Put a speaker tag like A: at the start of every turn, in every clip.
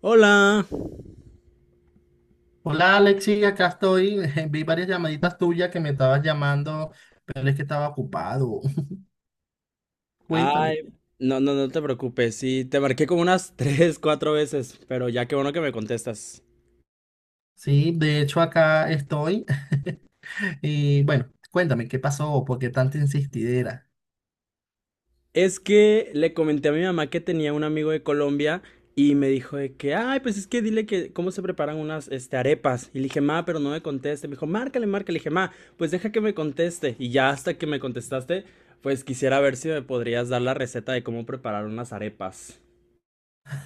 A: Hola.
B: Hola Alexi, acá estoy. Vi varias llamaditas tuyas que me estabas llamando, pero es que estaba ocupado.
A: Ay,
B: Cuéntame.
A: no, no, no te preocupes. Sí, te marqué como unas tres, cuatro veces, pero ya qué bueno que me contestas.
B: Sí, de hecho acá estoy. Y bueno, cuéntame, ¿qué pasó? ¿Por qué tanta insistidera?
A: Es que le comenté a mi mamá que tenía un amigo de Colombia y me dijo de que, ay, pues es que dile que cómo se preparan unas arepas. Y le dije, ma, pero no me conteste. Me dijo, márcale, márcale. Le dije, ma, pues deja que me conteste. Y ya hasta que me contestaste, pues quisiera ver si me podrías dar la receta de cómo preparar unas arepas.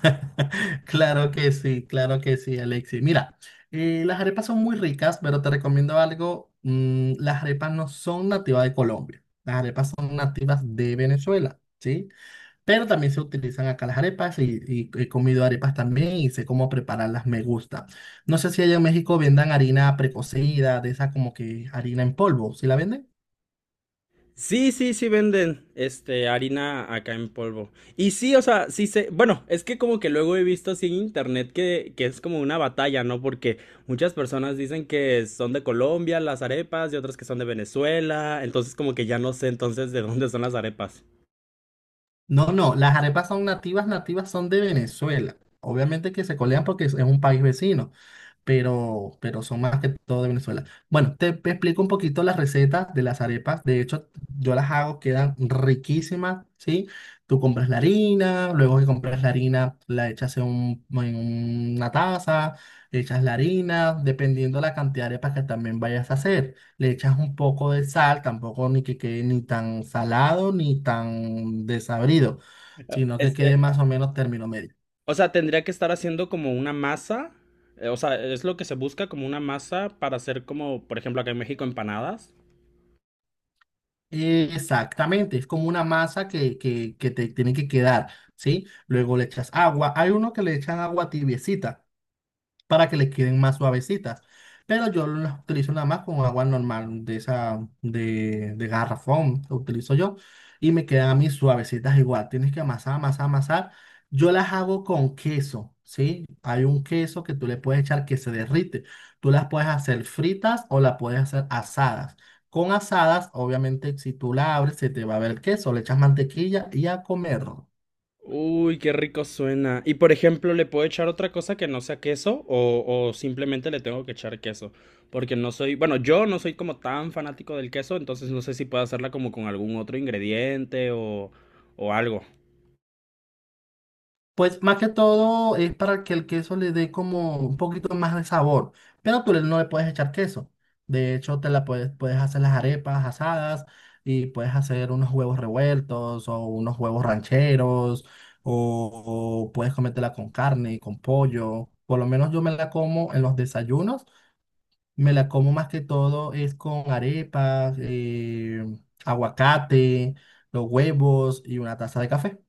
B: Claro que sí, Alexi. Mira, las arepas son muy ricas, pero te recomiendo algo. Las arepas no son nativas de Colombia. Las arepas son nativas de Venezuela, ¿sí? Pero también se utilizan acá las arepas y he comido arepas también y sé cómo prepararlas, me gusta. No sé si allá en México vendan harina precocida, de esa como que harina en polvo, ¿sí la venden?
A: Sí, sí, sí venden este harina acá en polvo. Y sí, o sea, bueno, es que como que luego he visto así en internet que es como una batalla, ¿no? Porque muchas personas dicen que son de Colombia las arepas y otras que son de Venezuela, entonces como que ya no sé entonces de dónde son las arepas.
B: No, no, las arepas son nativas, nativas son de Venezuela. Obviamente que se colean porque es un país vecino. Pero son más que todo de Venezuela. Bueno, te explico un poquito las recetas de las arepas. De hecho, yo las hago, quedan riquísimas, ¿sí? Tú compras la harina, luego que compras la harina, la echas en, en una taza, echas la harina, dependiendo la cantidad de arepas que también vayas a hacer. Le echas un poco de sal, tampoco ni que quede ni tan salado ni tan desabrido, sino que
A: Este,
B: quede más o menos término medio.
A: o sea, tendría que estar haciendo como una masa, o sea, es lo que se busca como una masa para hacer como, por ejemplo, acá en México empanadas.
B: Exactamente, es como una masa que te tiene que quedar, ¿sí? Luego le echas agua. Hay uno que le echan agua tibiecita para que les queden más suavecitas. Pero yo las utilizo nada más con agua normal de esa, de garrafón, que utilizo yo, y me quedan a mí suavecitas igual. Tienes que amasar, amasar, amasar. Yo las hago con queso, ¿sí? Hay un queso que tú le puedes echar que se derrite. Tú las puedes hacer fritas o las puedes hacer asadas. Con asadas, obviamente, si tú la abres, se te va a ver el queso, le echas mantequilla y a comer.
A: Uy, qué rico suena. Y por ejemplo, ¿le puedo echar otra cosa que no sea queso o simplemente le tengo que echar queso? Porque no soy, bueno, yo no soy como tan fanático del queso, entonces no sé si puedo hacerla como con algún otro ingrediente o algo.
B: Pues más que todo es para que el queso le dé como un poquito más de sabor, pero no le puedes echar queso. De hecho, puedes hacer las arepas asadas y puedes hacer unos huevos revueltos o unos huevos rancheros o puedes comértela con carne, y con pollo. Por lo menos yo me la como en los desayunos, me la como más que todo es con arepas, aguacate, los huevos y una taza de café.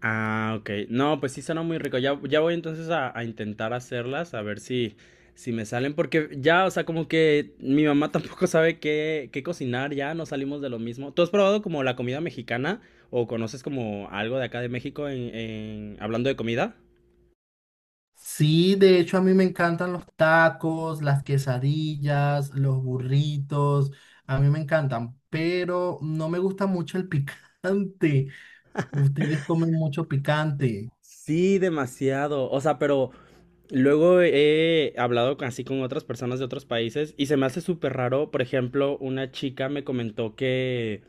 A: Ah, ok. No, pues sí suena muy rico. Ya, ya voy entonces a intentar hacerlas, a ver si me salen, porque ya, o sea, como que mi mamá tampoco sabe qué cocinar, ya no salimos de lo mismo. ¿Tú has probado como la comida mexicana o conoces como algo de acá de México hablando de comida?
B: Sí, de hecho a mí me encantan los tacos, las quesadillas, los burritos, a mí me encantan, pero no me gusta mucho el picante. Ustedes comen mucho picante.
A: Sí, demasiado. O sea, pero luego he hablado así con otras personas de otros países y se me hace súper raro. Por ejemplo, una chica me comentó que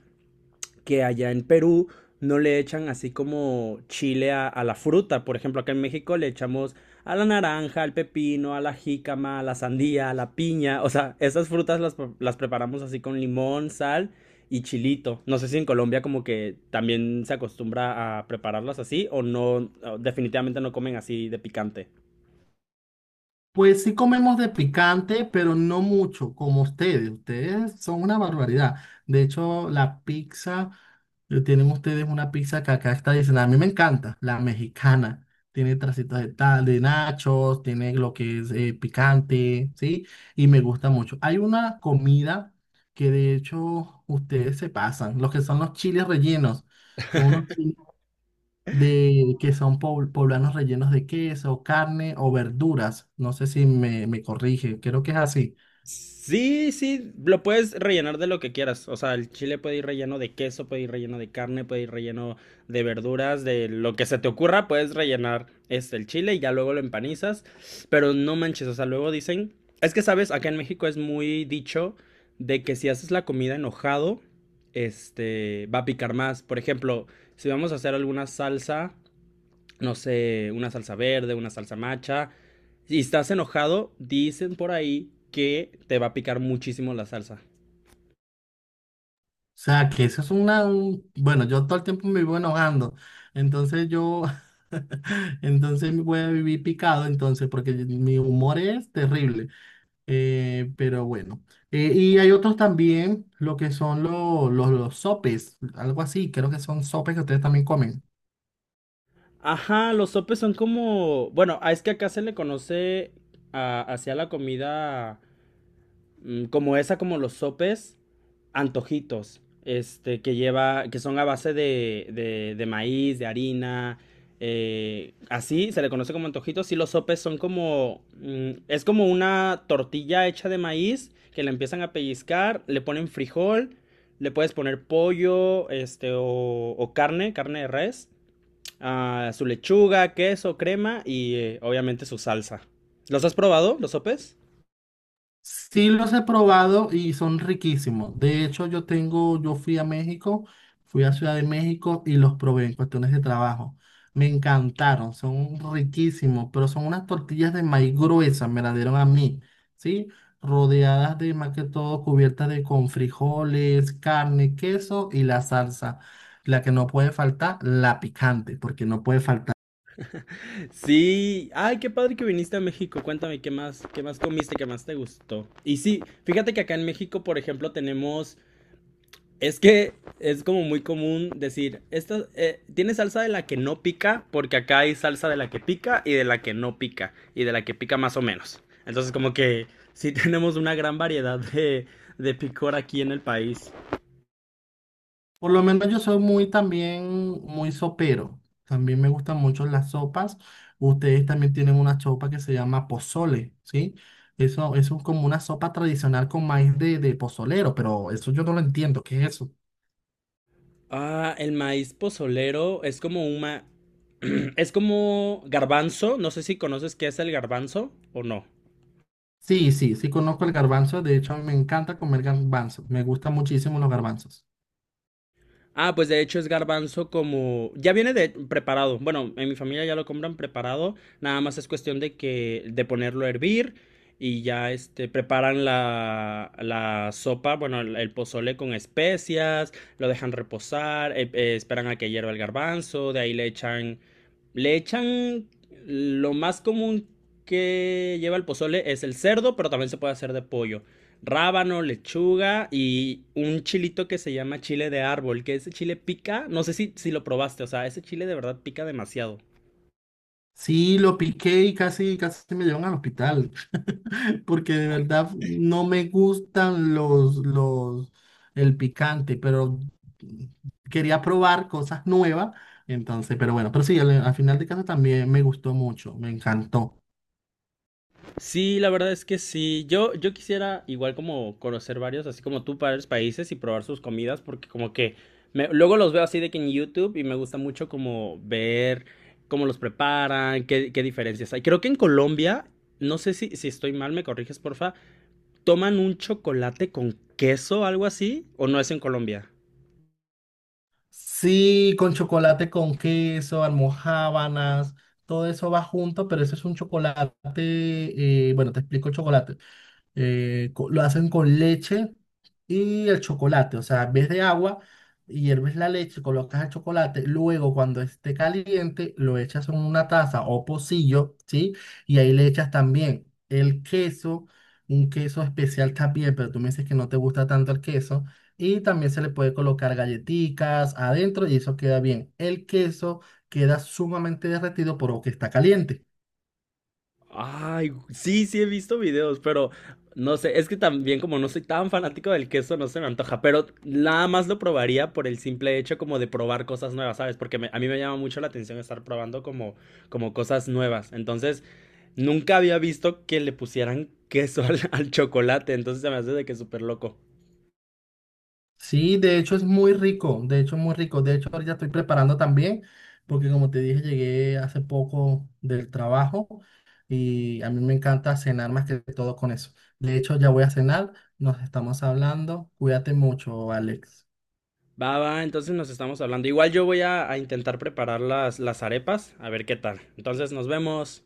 A: que allá en Perú no le echan así como chile a la fruta. Por ejemplo, acá en México le echamos a la naranja, al pepino, a la jícama, a la sandía, a la piña. O sea, esas frutas las preparamos así con limón, sal y chilito. No sé si en Colombia como que también se acostumbra a prepararlas así o no, definitivamente no comen así de picante.
B: Pues sí comemos de picante, pero no mucho, como ustedes. Ustedes son una barbaridad. De hecho, la pizza, tienen ustedes una pizza que acá está diciendo, a mí me encanta, la mexicana. Tiene tracitas de, de nachos, tiene lo que es picante, ¿sí? Y me gusta mucho. Hay una comida que de hecho ustedes se pasan, los que son los chiles rellenos. Son unos chiles de que son poblanos rellenos de queso, carne o verduras. No sé si me corrige, creo que es así.
A: Sí, sí, lo puedes rellenar de lo que quieras. O sea, el chile puede ir relleno de queso, puede ir relleno de carne, puede ir relleno de verduras, de lo que se te ocurra, puedes rellenar este el chile y ya luego lo empanizas. Pero no manches, o sea, luego dicen, es que sabes, acá en México es muy dicho de que si haces la comida enojado, este va a picar más. Por ejemplo, si vamos a hacer alguna salsa no sé, una salsa verde, una salsa macha, y estás enojado, dicen por ahí que te va a picar muchísimo la salsa.
B: O sea, que eso es una... Bueno, yo todo el tiempo me vivo enojando. Entonces yo... Entonces me voy a vivir picado, entonces, porque mi humor es terrible. Pero bueno. Y hay otros también, lo que son los sopes, algo así, creo que son sopes que ustedes también comen.
A: Ajá, los sopes son como, bueno, ah, es que acá se le conoce hacia la comida como esa, como los sopes, antojitos, este, que lleva, que son a base de maíz, de harina, así se le conoce como antojitos. Y los sopes son como, es como una tortilla hecha de maíz que la empiezan a pellizcar, le ponen frijol, le puedes poner pollo, o carne, carne de res, ah, su lechuga, queso, crema y obviamente su salsa. ¿Los has probado, los sopes?
B: Sí los he probado y son riquísimos. De hecho, yo fui a México, fui a Ciudad de México y los probé en cuestiones de trabajo. Me encantaron, son riquísimos, pero son unas tortillas de maíz gruesas, me las dieron a mí, ¿sí? Rodeadas de más que todo cubiertas de con frijoles, carne, queso y la salsa. La que no puede faltar, la picante, porque no puede faltar.
A: Sí, ay, qué padre que viniste a México. Cuéntame qué más comiste, qué más te gustó. Y sí, fíjate que acá en México, por ejemplo, tenemos, es que es como muy común decir, esta, tiene salsa de la que no pica, porque acá hay salsa de la que pica y de la que no pica, y de la que pica más o menos. Entonces, como que sí tenemos una gran variedad de picor aquí en el país.
B: Por lo menos yo soy muy también, muy sopero. También me gustan mucho las sopas. Ustedes también tienen una sopa que se llama pozole, ¿sí? Eso es como una sopa tradicional con maíz de pozolero, pero eso yo no lo entiendo. ¿Qué es eso?
A: Ah, el maíz pozolero es como una... Es como garbanzo. No sé si conoces qué es el garbanzo o no.
B: Sí, sí, sí conozco el garbanzo. De hecho, a mí me encanta comer garbanzos. Me gustan muchísimo los garbanzos.
A: Ah, pues de hecho es garbanzo como... Ya viene de preparado. Bueno, en mi familia ya lo compran preparado. Nada más es cuestión de que... de ponerlo a hervir y ya este preparan la sopa, bueno, el pozole con especias, lo dejan reposar, esperan a que hierva el garbanzo, de ahí le echan... Le echan lo más común que lleva el pozole es el cerdo, pero también se puede hacer de pollo rábano, lechuga y un chilito que se llama chile de árbol, que ese chile pica, no sé si lo probaste, o sea, ese chile de verdad pica demasiado.
B: Sí, lo piqué y casi, casi me llevan al hospital, porque de verdad no me gustan el picante, pero quería probar cosas nuevas, entonces, pero bueno, pero sí, al final de caso también me gustó mucho, me encantó.
A: Sí, la verdad es que sí, yo quisiera igual como conocer varios, así como tú, varios países y probar sus comidas, porque como que luego los veo así de que en YouTube y me gusta mucho como ver cómo los preparan, qué, qué diferencias hay. Creo que en Colombia, no sé si estoy mal, me corriges, porfa, toman un chocolate con queso, algo así, o no es en Colombia.
B: Sí, con chocolate con queso, almojábanas, todo eso va junto, pero ese es un chocolate, bueno, te explico el chocolate. Lo hacen con leche y el chocolate. O sea, en vez de agua, hierves la leche, colocas el chocolate. Luego, cuando esté caliente, lo echas en una taza o pocillo, ¿sí? Y ahí le echas también el queso, un queso especial también, pero tú me dices que no te gusta tanto el queso. Y también se le puede colocar galletitas adentro y eso queda bien. El queso queda sumamente derretido por lo que está caliente.
A: Ay, sí, sí he visto videos, pero no sé, es que también como no soy tan fanático del queso, no se me antoja, pero nada más lo probaría por el simple hecho como de probar cosas nuevas, ¿sabes? Porque a mí me llama mucho la atención estar probando como, como cosas nuevas. Entonces, nunca había visto que le pusieran queso al chocolate, entonces se me hace de que súper loco.
B: Sí, de hecho es muy rico, de hecho es muy rico. De hecho, ahorita estoy preparando también, porque como te dije, llegué hace poco del trabajo y a mí me encanta cenar más que todo con eso. De hecho, ya voy a cenar, nos estamos hablando. Cuídate mucho, Alex.
A: Va, va, entonces nos estamos hablando. Igual yo voy a intentar preparar las arepas, a ver qué tal. Entonces, nos vemos.